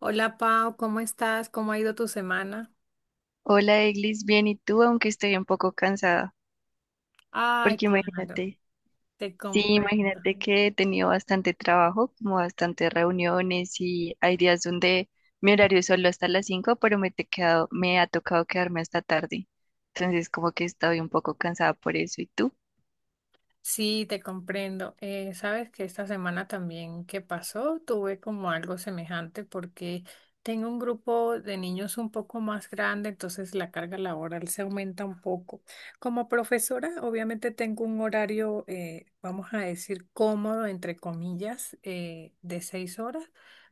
Hola Pau, ¿cómo estás? ¿Cómo ha ido tu semana? Hola, Eglis, bien, ¿y tú? Aunque estoy un poco cansada, Ay, porque claro, imagínate, te sí, comprendo. imagínate que he tenido bastante trabajo, como bastantes reuniones y hay días donde mi horario es solo hasta las 5, pero me ha tocado quedarme hasta tarde. Entonces, como que estoy un poco cansada por eso, ¿y tú? Sí, te comprendo. Sabes que esta semana también que pasó, tuve como algo semejante porque tengo un grupo de niños un poco más grande, entonces la carga laboral se aumenta un poco. Como profesora, obviamente tengo un horario, vamos a decir, cómodo, entre comillas, de 6 horas.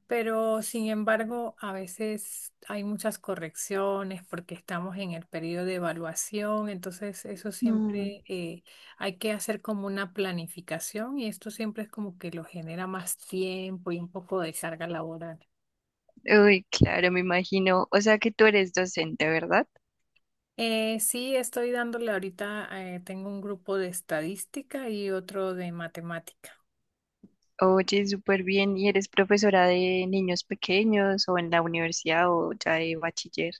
Pero sin embargo, a veces hay muchas correcciones porque estamos en el periodo de evaluación, entonces eso Mm. siempre hay que hacer como una planificación y esto siempre es como que lo genera más tiempo y un poco de carga laboral. Uy, claro, me imagino. O sea que tú eres docente, ¿verdad? Sí, estoy dándole ahorita, tengo un grupo de estadística y otro de matemática. Oye, súper bien. ¿Y eres profesora de niños pequeños o en la universidad o ya de bachiller?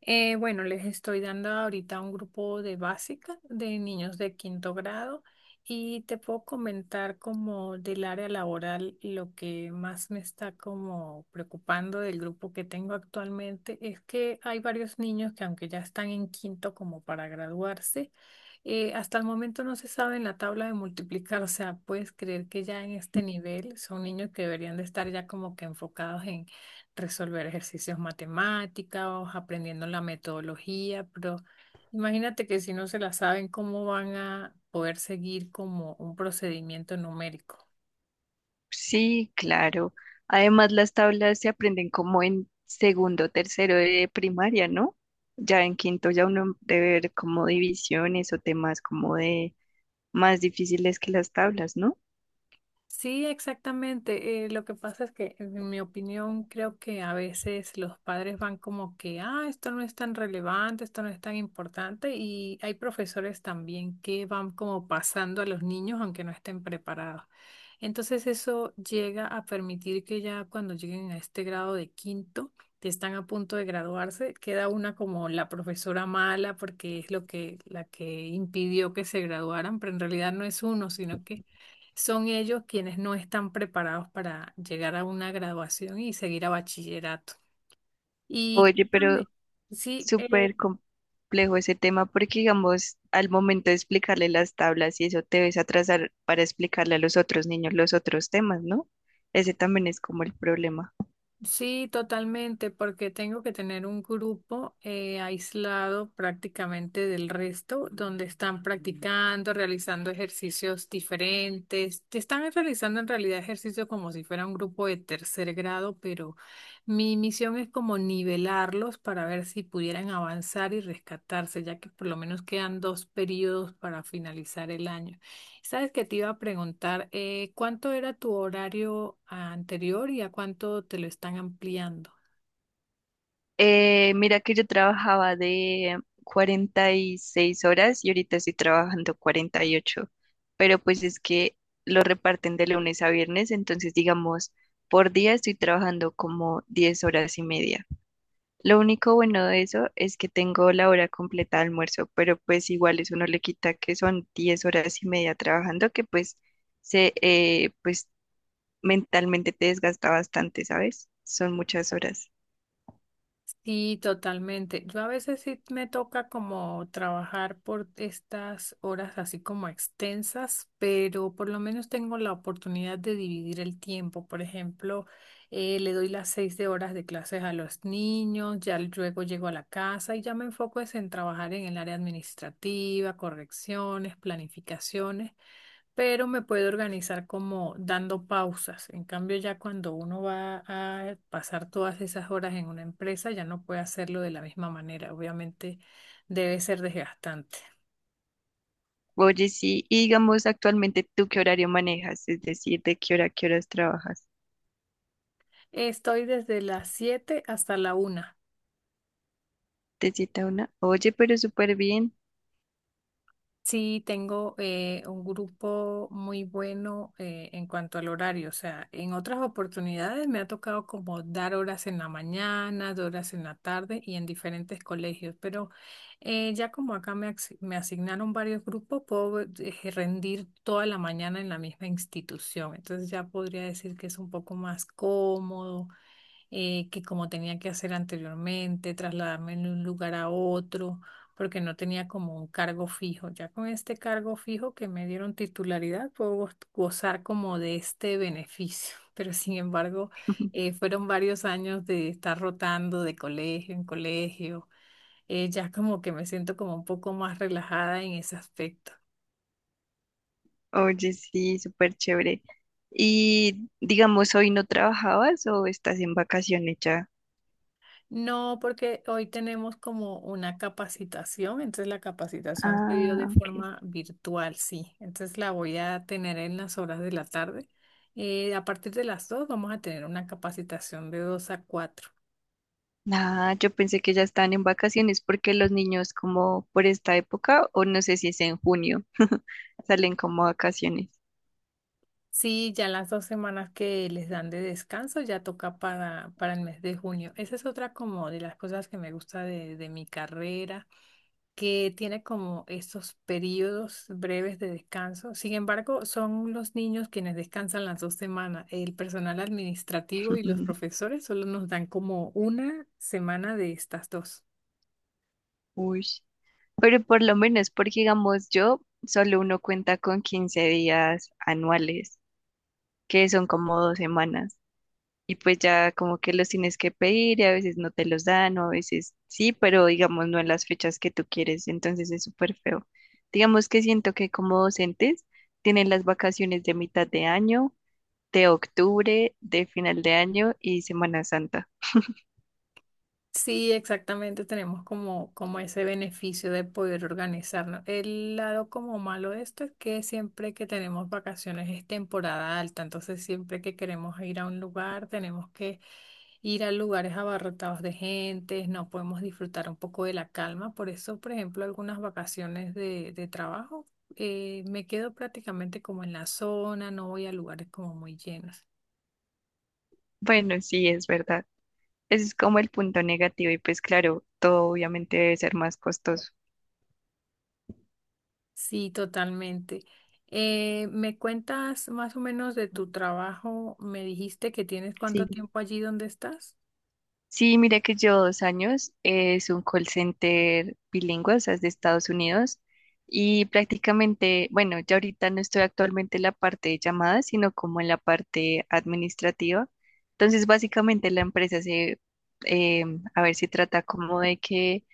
Bueno, les estoy dando ahorita un grupo de básica de niños de quinto grado y te puedo comentar como del área laboral lo que más me está como preocupando del grupo que tengo actualmente es que hay varios niños que aunque ya están en quinto como para graduarse, hasta el momento no se sabe en la tabla de multiplicar, o sea, puedes creer que ya en este nivel son niños que deberían de estar ya como que enfocados en resolver ejercicios matemáticos, aprendiendo la metodología, pero imagínate que si no se la saben, ¿cómo van a poder seguir como un procedimiento numérico? Sí, claro. Además, las tablas se aprenden como en segundo, tercero de primaria, ¿no? Ya en quinto ya uno debe ver como divisiones o temas como de más difíciles que las tablas, ¿no? Sí, exactamente. Lo que pasa es que, en mi opinión, creo que a veces los padres van como que, ah, esto no es tan relevante, esto no es tan importante, y hay profesores también que van como pasando a los niños aunque no estén preparados. Entonces eso llega a permitir que ya cuando lleguen a este grado de quinto, que están a punto de graduarse, queda una como la profesora mala porque es lo que la que impidió que se graduaran, pero en realidad no es uno, sino que son ellos quienes no están preparados para llegar a una graduación y seguir a bachillerato. Y Oye, pero cuéntame, sí, súper complejo ese tema porque, digamos, al momento de explicarle las tablas y eso te ves atrasar para explicarle a los otros niños los otros temas, ¿no? Ese también es como el problema. sí, totalmente, porque tengo que tener un grupo aislado prácticamente del resto, donde están practicando, realizando ejercicios diferentes. Te Están realizando en realidad ejercicios como si fuera un grupo de tercer grado, pero mi misión es como nivelarlos para ver si pudieran avanzar y rescatarse, ya que por lo menos quedan dos periodos para finalizar el año. Sabes que te iba a preguntar, ¿cuánto era tu horario anterior y a cuánto te lo están ampliando? Mira que yo trabajaba de 46 horas y ahorita estoy trabajando 48, pero pues es que lo reparten de lunes a viernes, entonces digamos, por día estoy trabajando como 10 horas y media. Lo único bueno de eso es que tengo la hora completa de almuerzo, pero pues igual eso no le quita que son 10 horas y media trabajando, que pues se pues mentalmente te desgasta bastante, ¿sabes? Son muchas horas. Sí, totalmente. Yo a veces sí me toca como trabajar por estas horas así como extensas, pero por lo menos tengo la oportunidad de dividir el tiempo. Por ejemplo, le doy las 6 de horas de clases a los niños, ya luego llego a la casa y ya me enfoco es en trabajar en el área administrativa, correcciones, planificaciones. Pero me puedo organizar como dando pausas. En cambio, ya cuando uno va a pasar todas esas horas en una empresa, ya no puede hacerlo de la misma manera. Obviamente debe ser desgastante. Oye, sí, y digamos actualmente tú qué horario manejas, es decir, de qué hora a qué horas trabajas. Estoy desde las 7 hasta la 1. Te cita una, oye, pero súper bien. Sí, tengo un grupo muy bueno en cuanto al horario. O sea, en otras oportunidades me ha tocado como dar horas en la mañana, dar horas en la tarde y en diferentes colegios. Pero ya como acá me asignaron varios grupos, puedo rendir toda la mañana en la misma institución. Entonces ya podría decir que es un poco más cómodo que como tenía que hacer anteriormente, trasladarme de un lugar a otro, porque no tenía como un cargo fijo. Ya con este cargo fijo que me dieron titularidad, puedo gozar como de este beneficio. Pero sin embargo, fueron varios años de estar rotando de colegio en colegio. Ya como que me siento como un poco más relajada en ese aspecto. Oye, sí, súper chévere. Y digamos, ¿hoy no trabajabas o estás en vacaciones ya? No, porque hoy tenemos como una capacitación, entonces la capacitación se dio de Ah, ok. forma virtual, sí. Entonces la voy a tener en las horas de la tarde. A partir de las 2 vamos a tener una capacitación de 2 a 4. Ah, yo pensé que ya están en vacaciones porque los niños como por esta época, o no sé si es en junio, salen como a vacaciones. Sí, ya las 2 semanas que les dan de descanso ya toca para el mes de junio. Esa es otra como de las cosas que me gusta de mi carrera que tiene como estos periodos breves de descanso. Sin embargo, son los niños quienes descansan las 2 semanas. El personal administrativo y los profesores solo nos dan como una semana de estas dos. Uy. Pero por lo menos, porque digamos yo, solo uno cuenta con 15 días anuales, que son como 2 semanas. Y pues ya como que los tienes que pedir y a veces no te los dan o a veces sí, pero digamos no en las fechas que tú quieres. Entonces es súper feo. Digamos que siento que como docentes tienen las vacaciones de mitad de año, de octubre, de final de año y Semana Santa. Sí, exactamente, tenemos como, como ese beneficio de poder organizarnos. El lado como malo de esto es que siempre que tenemos vacaciones es temporada alta, entonces siempre que queremos ir a un lugar tenemos que ir a lugares abarrotados de gente, no podemos disfrutar un poco de la calma. Por eso, por ejemplo, algunas vacaciones de trabajo me quedo prácticamente como en la zona, no voy a lugares como muy llenos. Bueno, sí, es verdad. Ese es como el punto negativo y pues claro, todo obviamente debe ser más costoso. Sí, totalmente. ¿Me cuentas más o menos de tu trabajo? Me dijiste que tienes cuánto Sí. tiempo allí donde estás. Sí, mira que yo 2 años es un call center bilingüe, o sea, es de Estados Unidos y prácticamente, bueno, ya ahorita no estoy actualmente en la parte de llamadas, sino como en la parte administrativa. Entonces, básicamente la empresa se, em, a ver, se trata como de que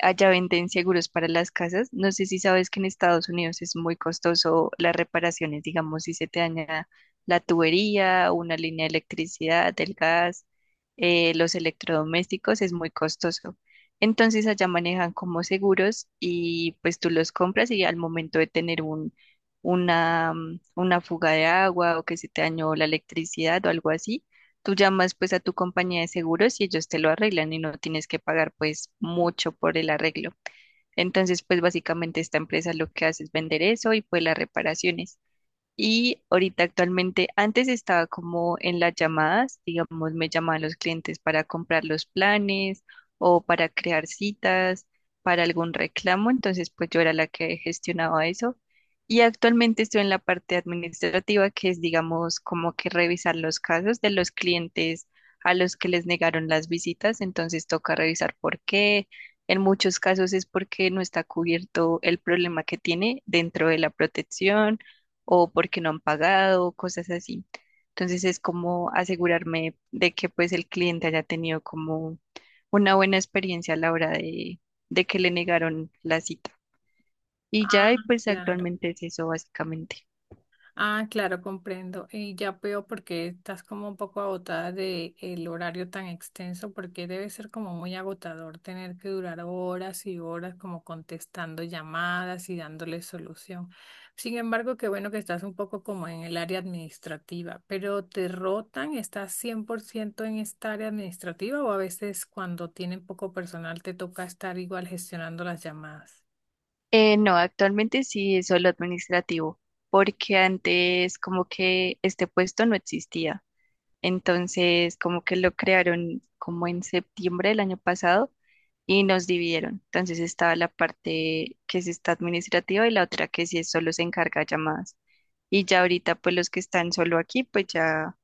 allá venden seguros para las casas. No sé si sabes que en Estados Unidos es muy costoso las reparaciones, digamos, si se te daña la tubería, una línea de electricidad, del gas, los electrodomésticos, es muy costoso. Entonces allá manejan como seguros y pues tú los compras y al momento de tener una fuga de agua o que se te dañó la electricidad o algo así, tú llamas pues a tu compañía de seguros y ellos te lo arreglan y no tienes que pagar pues mucho por el arreglo. Entonces pues básicamente esta empresa lo que hace es vender eso y pues las reparaciones. Y ahorita actualmente, antes estaba como en las llamadas, digamos, me llamaban los clientes para comprar los planes o para crear citas, para algún reclamo, entonces pues yo era la que gestionaba eso. Y actualmente estoy en la parte administrativa, que es, digamos, como que revisar los casos de los clientes a los que les negaron las visitas, entonces toca revisar por qué. En muchos casos es porque no está cubierto el problema que tiene dentro de la protección o porque no han pagado, cosas así. Entonces es como asegurarme de que pues el cliente haya tenido como una buena experiencia a la hora de que le negaron la cita. Y Ah, ya, y pues claro. actualmente es eso básicamente. Ah, claro, comprendo. Y ya veo por qué estás como un poco agotada de el horario tan extenso, porque debe ser como muy agotador tener que durar horas y horas como contestando llamadas y dándole solución. Sin embargo, qué bueno que estás un poco como en el área administrativa, pero ¿te rotan? ¿Estás 100% en esta área administrativa o a veces cuando tienen poco personal te toca estar igual gestionando las llamadas? No, actualmente sí es solo administrativo, porque antes como que este puesto no existía. Entonces, como que lo crearon como en septiembre del año pasado y nos dividieron. Entonces estaba la parte que sí está administrativa y la otra que sí es solo se encarga de llamadas. Y ya ahorita, pues los que están solo aquí, pues ya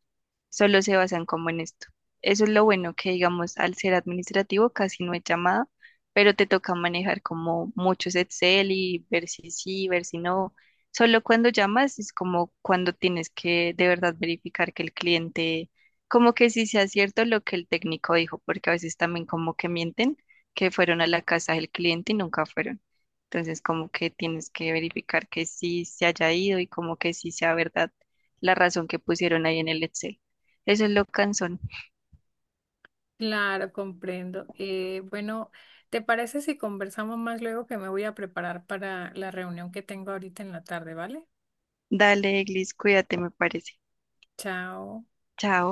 solo se basan como en esto. Eso es lo bueno que, digamos, al ser administrativo casi no es llamada, pero te toca manejar como muchos Excel y ver si sí, ver si no. Solo cuando llamas es como cuando tienes que de verdad verificar que el cliente, como que sí sea cierto lo que el técnico dijo, porque a veces también como que mienten que fueron a la casa del cliente y nunca fueron. Entonces como que tienes que verificar que sí se haya ido y como que sí sea verdad la razón que pusieron ahí en el Excel. Eso es lo cansón. Claro, comprendo. Bueno, ¿te parece si conversamos más luego que me voy a preparar para la reunión que tengo ahorita en la tarde, ¿vale? Dale, Eglis, cuídate, me parece. Chao. Chao.